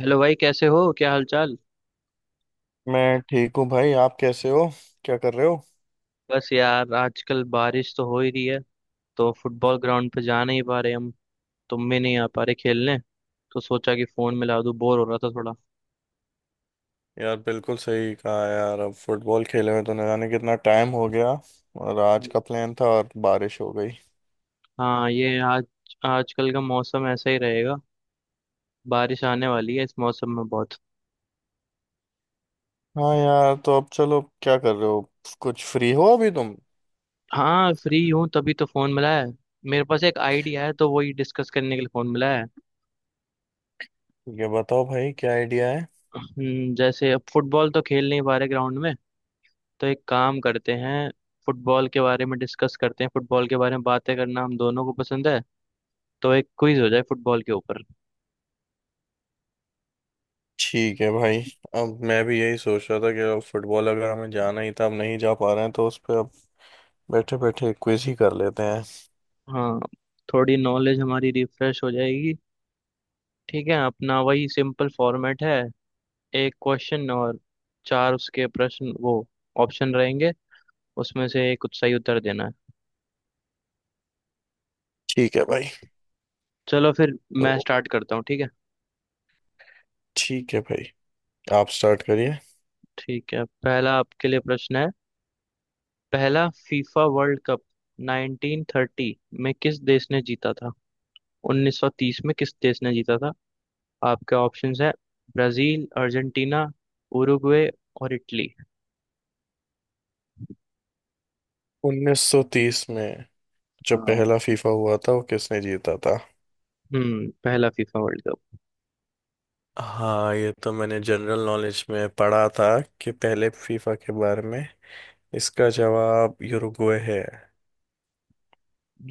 Hello भाई, कैसे हो? क्या हालचाल? मैं ठीक हूँ भाई। आप कैसे हो? क्या कर रहे हो? बस यार, आजकल बारिश तो हो ही रही है। तो फुटबॉल ग्राउंड पे जा नहीं पा रहे हम। तुम भी नहीं आ पा रहे खेलने। तो सोचा कि फोन मिला दूं, बोर हो रहा था थोड़ा। यार बिल्कुल सही कहा यार, अब फुटबॉल खेले हुए तो न जाने कितना टाइम हो गया। और आज का प्लान था और बारिश हो गई। हाँ, ये आज आजकल का मौसम ऐसा ही रहेगा। बारिश आने वाली है इस मौसम में बहुत। हाँ यार, तो अब चलो क्या कर रहे हो? कुछ फ्री हो अभी तुम? हाँ, फ्री हूँ, तभी तो फोन मिला है। मेरे पास एक आइडिया है, तो वही डिस्कस करने के लिए फोन मिला है। ये बताओ भाई क्या आइडिया है? जैसे अब फुटबॉल तो खेल नहीं पा रहे ग्राउंड में, तो एक काम करते हैं, फुटबॉल के बारे में डिस्कस करते हैं। फुटबॉल के बारे में बातें करना हम दोनों को पसंद है, तो एक क्विज हो जाए फुटबॉल के ऊपर। ठीक है भाई। अब मैं भी यही सोच रहा था कि अब फुटबॉल अगर हमें जाना ही था, अब नहीं जा पा रहे हैं, तो उस पे अब बैठे बैठे क्विज ही कर लेते हैं। हाँ, थोड़ी नॉलेज हमारी रिफ्रेश हो जाएगी। ठीक है, अपना वही सिंपल फॉर्मेट है। एक क्वेश्चन और चार उसके प्रश्न, वो ऑप्शन रहेंगे, उसमें से एक सही उत्तर देना है। ठीक है भाई। चलो फिर, मैं तो स्टार्ट करता हूँ, ठीक है? ठीक है भाई, आप स्टार्ट करिए। ठीक है, पहला आपके लिए प्रश्न है। पहला फीफा वर्ल्ड कप 1930 में किस देश ने जीता था? 1930 में किस देश ने जीता था? आपके ऑप्शंस है, ब्राजील, अर्जेंटीना, उरुग्वे और इटली। 1930 में जब हाँ, पहला फीफा हुआ था वो किसने जीता था? हम्म, पहला फीफा वर्ल्ड कप। हाँ, ये तो मैंने जनरल नॉलेज में पढ़ा था कि पहले फीफा के बारे में। इसका जवाब यूरुग्वे है।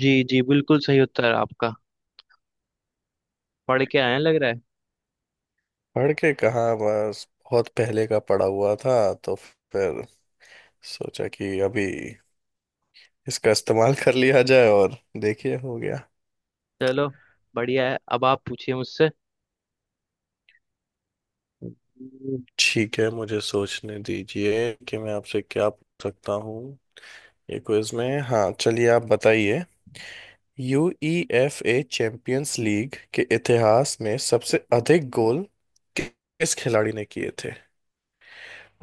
जी जी, बिल्कुल सही उत्तर है आपका। पढ़ के आए हैं लग रहा है। पढ़ के कहाँ, बस बहुत पहले का पड़ा हुआ था, तो फिर सोचा कि अभी इसका इस्तेमाल कर लिया जाए और देखिए हो गया। चलो, बढ़िया है। अब आप पूछिए मुझसे। ठीक है, मुझे सोचने दीजिए कि मैं आपसे क्या पूछ सकता हूँ ये क्विज में। हाँ चलिए आप बताइए। यूईएफए चैंपियंस लीग के इतिहास में सबसे अधिक गोल किस खिलाड़ी ने किए थे?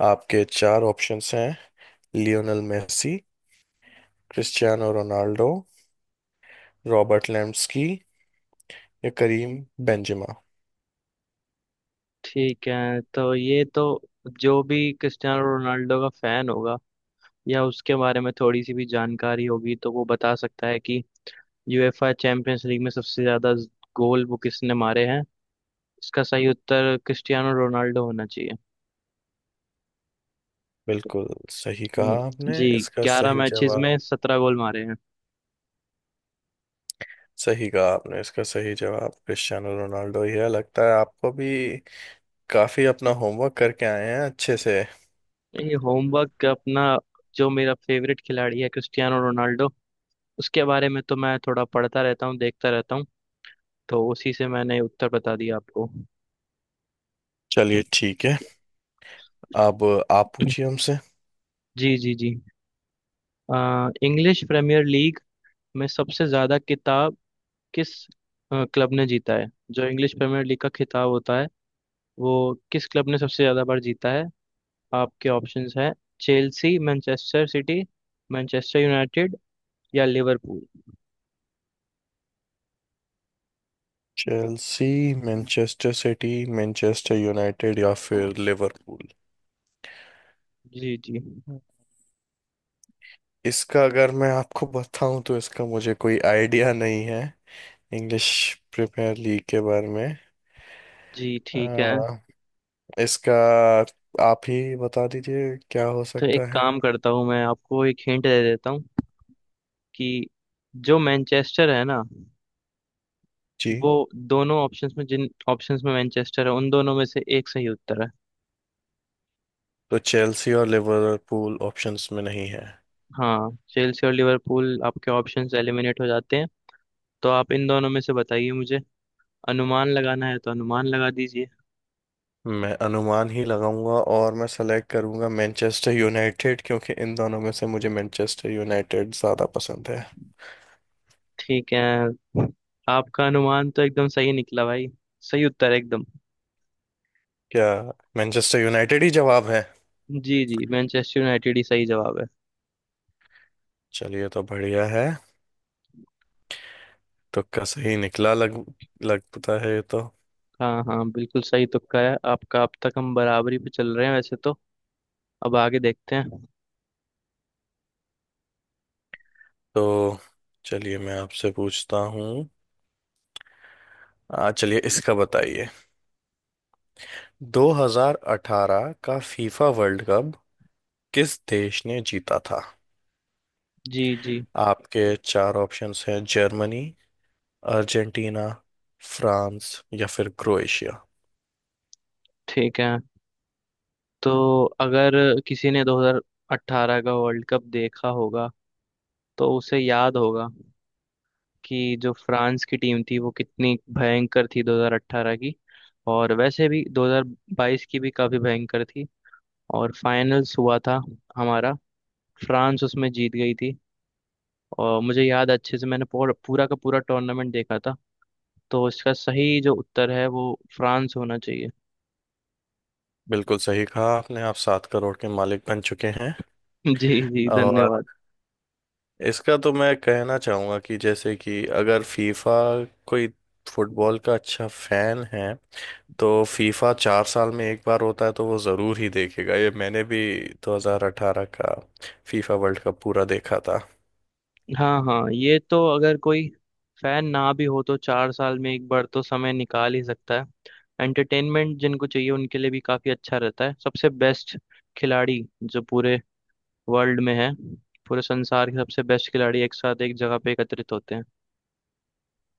आपके चार ऑप्शंस हैं: Lionel Messi, Cristiano Ronaldo, Robert लेम्सकी या करीम बेंजेमा। ठीक है, तो ये तो जो भी क्रिस्टियानो रोनाल्डो का फैन होगा या उसके बारे में थोड़ी सी भी जानकारी होगी, तो वो बता सकता है कि यूएफए चैंपियंस लीग में सबसे ज्यादा गोल वो किसने मारे हैं। इसका सही उत्तर क्रिस्टियानो रोनाल्डो होना चाहिए। बिल्कुल सही कहा हम्म, आपने, जी, इसका 11 सही मैचेस जवाब। में 17 गोल मारे हैं। सही कहा आपने, इसका सही जवाब क्रिस्टियानो रोनाल्डो ही है। लगता है आपको भी काफी अपना होमवर्क करके आए हैं अच्छे से। ये होमवर्क अपना, जो मेरा फेवरेट खिलाड़ी है क्रिस्टियानो रोनाल्डो, उसके बारे में तो मैं थोड़ा पढ़ता रहता हूँ, देखता रहता हूँ। तो उसी से मैंने उत्तर बता दिया आपको। चलिए ठीक है, अब आप पूछिए हमसे। जी जी जी। इंग्लिश प्रीमियर लीग में सबसे ज्यादा किताब किस क्लब ने जीता है? जो इंग्लिश प्रीमियर लीग का खिताब होता है, वो किस क्लब ने सबसे ज्यादा बार जीता है? आपके ऑप्शंस हैं, Chelsea, Manchester City, Manchester United या Liverpool. Chelsea, Manchester City, Manchester United या फिर लिवरपूल? जी जी इसका अगर मैं आपको बताऊं तो इसका मुझे कोई आइडिया नहीं है इंग्लिश प्रीमियर लीग के बारे में। जी, ठीक है। अ, इसका आप ही बता दीजिए क्या हो तो एक सकता है। काम करता हूँ, मैं आपको एक हिंट दे देता हूँ कि जो मैनचेस्टर है ना, जी, वो दोनों ऑप्शंस में, जिन ऑप्शंस में मैनचेस्टर है, उन दोनों में से एक सही उत्तर है। तो चेल्सी और लिवरपूल ऑप्शंस में नहीं है? हाँ, चेल्सी और लिवरपूल आपके ऑप्शंस एलिमिनेट हो जाते हैं। तो आप इन दोनों में से बताइए मुझे। अनुमान लगाना है तो अनुमान लगा दीजिए। मैं अनुमान ही लगाऊंगा और मैं सेलेक्ट करूंगा मैनचेस्टर यूनाइटेड, क्योंकि इन दोनों में से मुझे मैनचेस्टर यूनाइटेड ज़्यादा पसंद है। ठीक है, आपका अनुमान तो एकदम सही निकला भाई। सही उत्तर है एकदम। क्या, मैनचेस्टर यूनाइटेड ही जवाब है? जी जी, मैनचेस्टर यूनाइटेड ही सही जवाब है। चलिए तो बढ़िया है। तुक्का सही निकला लग लगता है ये तो। हाँ हाँ, बिल्कुल सही तुक्का है आपका। अब तक हम बराबरी पे चल रहे हैं वैसे तो। अब आगे देखते हैं। तो चलिए मैं आपसे पूछता हूँ। आ चलिए इसका बताइए। 2018 का फीफा वर्ल्ड कप किस देश ने जीता था? जी जी, आपके चार ऑप्शंस हैं: जर्मनी, अर्जेंटीना, फ्रांस या फिर क्रोएशिया। ठीक है। तो अगर किसी ने 2018 का वर्ल्ड कप देखा होगा तो उसे याद होगा कि जो फ्रांस की टीम थी वो कितनी भयंकर थी 2018 की। और वैसे भी 2022 की भी काफी भयंकर थी। और फाइनल्स हुआ था हमारा, फ्रांस उसमें जीत गई थी। और मुझे याद है अच्छे से, मैंने पूरा पूरा का पूरा टूर्नामेंट देखा था। तो इसका सही जो उत्तर है वो फ्रांस होना चाहिए। बिल्कुल सही कहा आपने, आप 7 करोड़ के मालिक बन चुके हैं। जी जी, और धन्यवाद। इसका तो मैं कहना चाहूँगा कि जैसे कि अगर फीफा, कोई फुटबॉल का अच्छा फैन है तो फीफा 4 साल में एक बार होता है तो वो ज़रूर ही देखेगा। ये मैंने भी 2018 का फीफा वर्ल्ड कप पूरा देखा था। हाँ हाँ, ये तो अगर कोई फैन ना भी हो तो 4 साल में एक बार तो समय निकाल ही सकता है। एंटरटेनमेंट जिनको चाहिए उनके लिए भी काफी अच्छा रहता है। सबसे बेस्ट खिलाड़ी जो पूरे वर्ल्ड में है, पूरे संसार के सबसे बेस्ट खिलाड़ी एक साथ एक जगह पे एकत्रित होते हैं।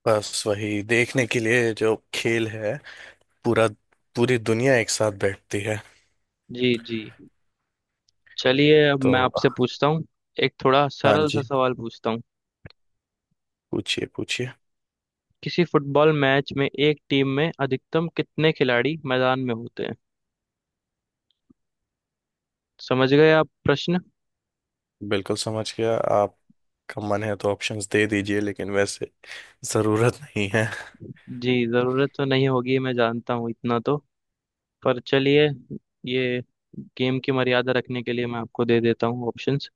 बस वही देखने के लिए जो खेल है, पूरा, पूरी दुनिया एक साथ बैठती है। जी जी, चलिए अब तो मैं आपसे पूछता हूँ। एक थोड़ा हाँ सरल सा जी, सवाल पूछता हूँ। पूछिए पूछिए। किसी फुटबॉल मैच में एक टीम में अधिकतम कितने खिलाड़ी मैदान में होते हैं? समझ गए आप प्रश्न? बिल्कुल समझ गया, आपका मन है तो ऑप्शंस दे दीजिए, लेकिन वैसे ज़रूरत नहीं है। जी, जरूरत तो नहीं होगी, मैं जानता हूँ इतना तो। पर चलिए, ये गेम की मर्यादा रखने के लिए मैं आपको दे देता हूँ ऑप्शंस।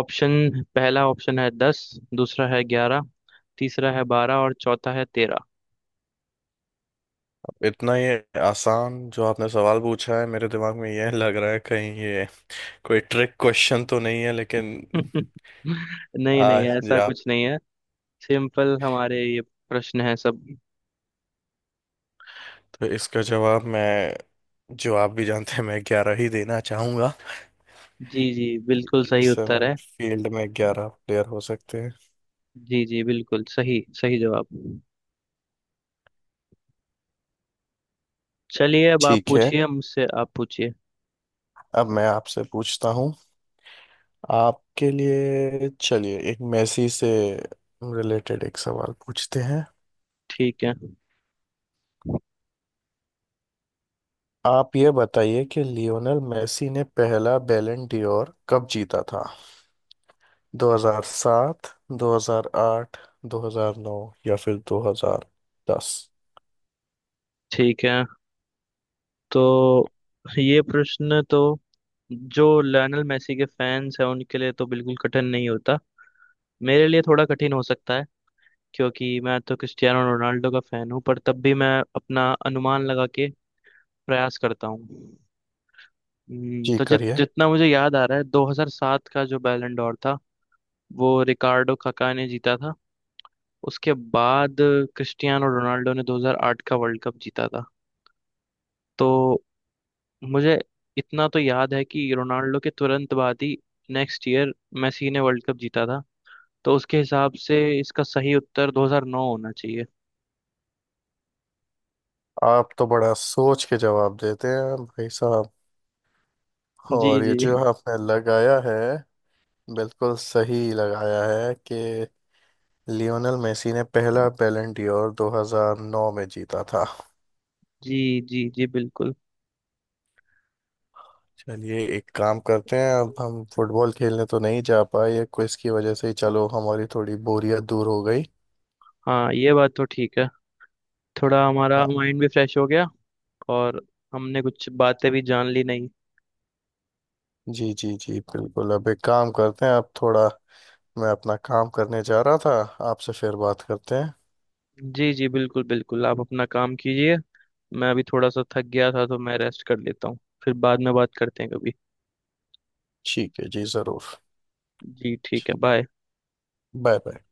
ऑप्शन, पहला ऑप्शन है 10, दूसरा है 11, तीसरा है 12 और चौथा है 13। इतना ये आसान जो आपने सवाल पूछा है, मेरे दिमाग में यह लग रहा है कहीं ये कोई ट्रिक क्वेश्चन तो नहीं है, लेकिन नहीं नहीं, आज जी ऐसा आप। कुछ नहीं है। सिंपल हमारे ये प्रश्न है सब। तो इसका जवाब मैं जो आप भी जानते हैं, मैं 11 ही देना चाहूंगा। जी जी, बिल्कुल एक सही उत्तर समय है। फील्ड में 11 प्लेयर हो सकते हैं। जी जी, बिल्कुल सही सही जवाब। चलिए अब आप ठीक है पूछिए मुझसे, आप पूछिए। अब मैं आपसे पूछता हूँ। आपके लिए चलिए एक मेसी से रिलेटेड एक सवाल पूछते हैं। ठीक है। आप ये बताइए कि लियोनेल मेसी ने पहला बैलन डी'ओर कब जीता था? 2007, 2008, 2009 या फिर 2010? ठीक है, तो ये प्रश्न तो जो लायनल मेसी के फैंस हैं उनके लिए तो बिल्कुल कठिन नहीं होता। मेरे लिए थोड़ा कठिन हो सकता है क्योंकि मैं तो क्रिस्टियानो रोनाल्डो का फैन हूँ। पर तब भी मैं अपना अनुमान लगा के प्रयास करता हूँ। जी तो जित करिए। जितना मुझे याद आ रहा है, 2007 का जो बैलन डोर था वो रिकार्डो काका ने जीता था। उसके बाद क्रिस्टियानो रोनाल्डो ने 2008 का वर्ल्ड कप जीता था। तो मुझे इतना तो याद है कि रोनाल्डो के तुरंत बाद ही, नेक्स्ट ईयर, मेसी ने वर्ल्ड कप जीता था। तो उसके हिसाब से इसका सही उत्तर 2009 होना चाहिए। आप तो बड़ा सोच के जवाब देते हैं भाई साहब। जी और जी ये जो आपने लगाया है बिल्कुल सही लगाया है कि लियोनेल मेसी ने पहला बैलन डियोर 2009 में जीता था। जी, जी जी, बिल्कुल। चलिए एक काम करते हैं, अब हम फुटबॉल खेलने तो नहीं जा पाए, ये क्विज की वजह से ही चलो हमारी थोड़ी बोरियत दूर हो गई। हाँ, ये बात तो ठीक है। थोड़ा हमारा हाँ माइंड भी फ्रेश हो गया। और हमने कुछ बातें भी जान ली, नहीं? जी जी जी, बिल्कुल। अब एक काम करते हैं, आप थोड़ा, मैं अपना काम करने जा रहा था, आपसे फिर बात करते हैं। जी जी, बिल्कुल बिल्कुल, आप अपना काम कीजिए। मैं अभी थोड़ा सा थक गया था, तो मैं रेस्ट कर लेता हूँ। फिर बाद में बात करते हैं कभी। ठीक है जी ज़रूर। जी ठीक है, बाय। Bye bye.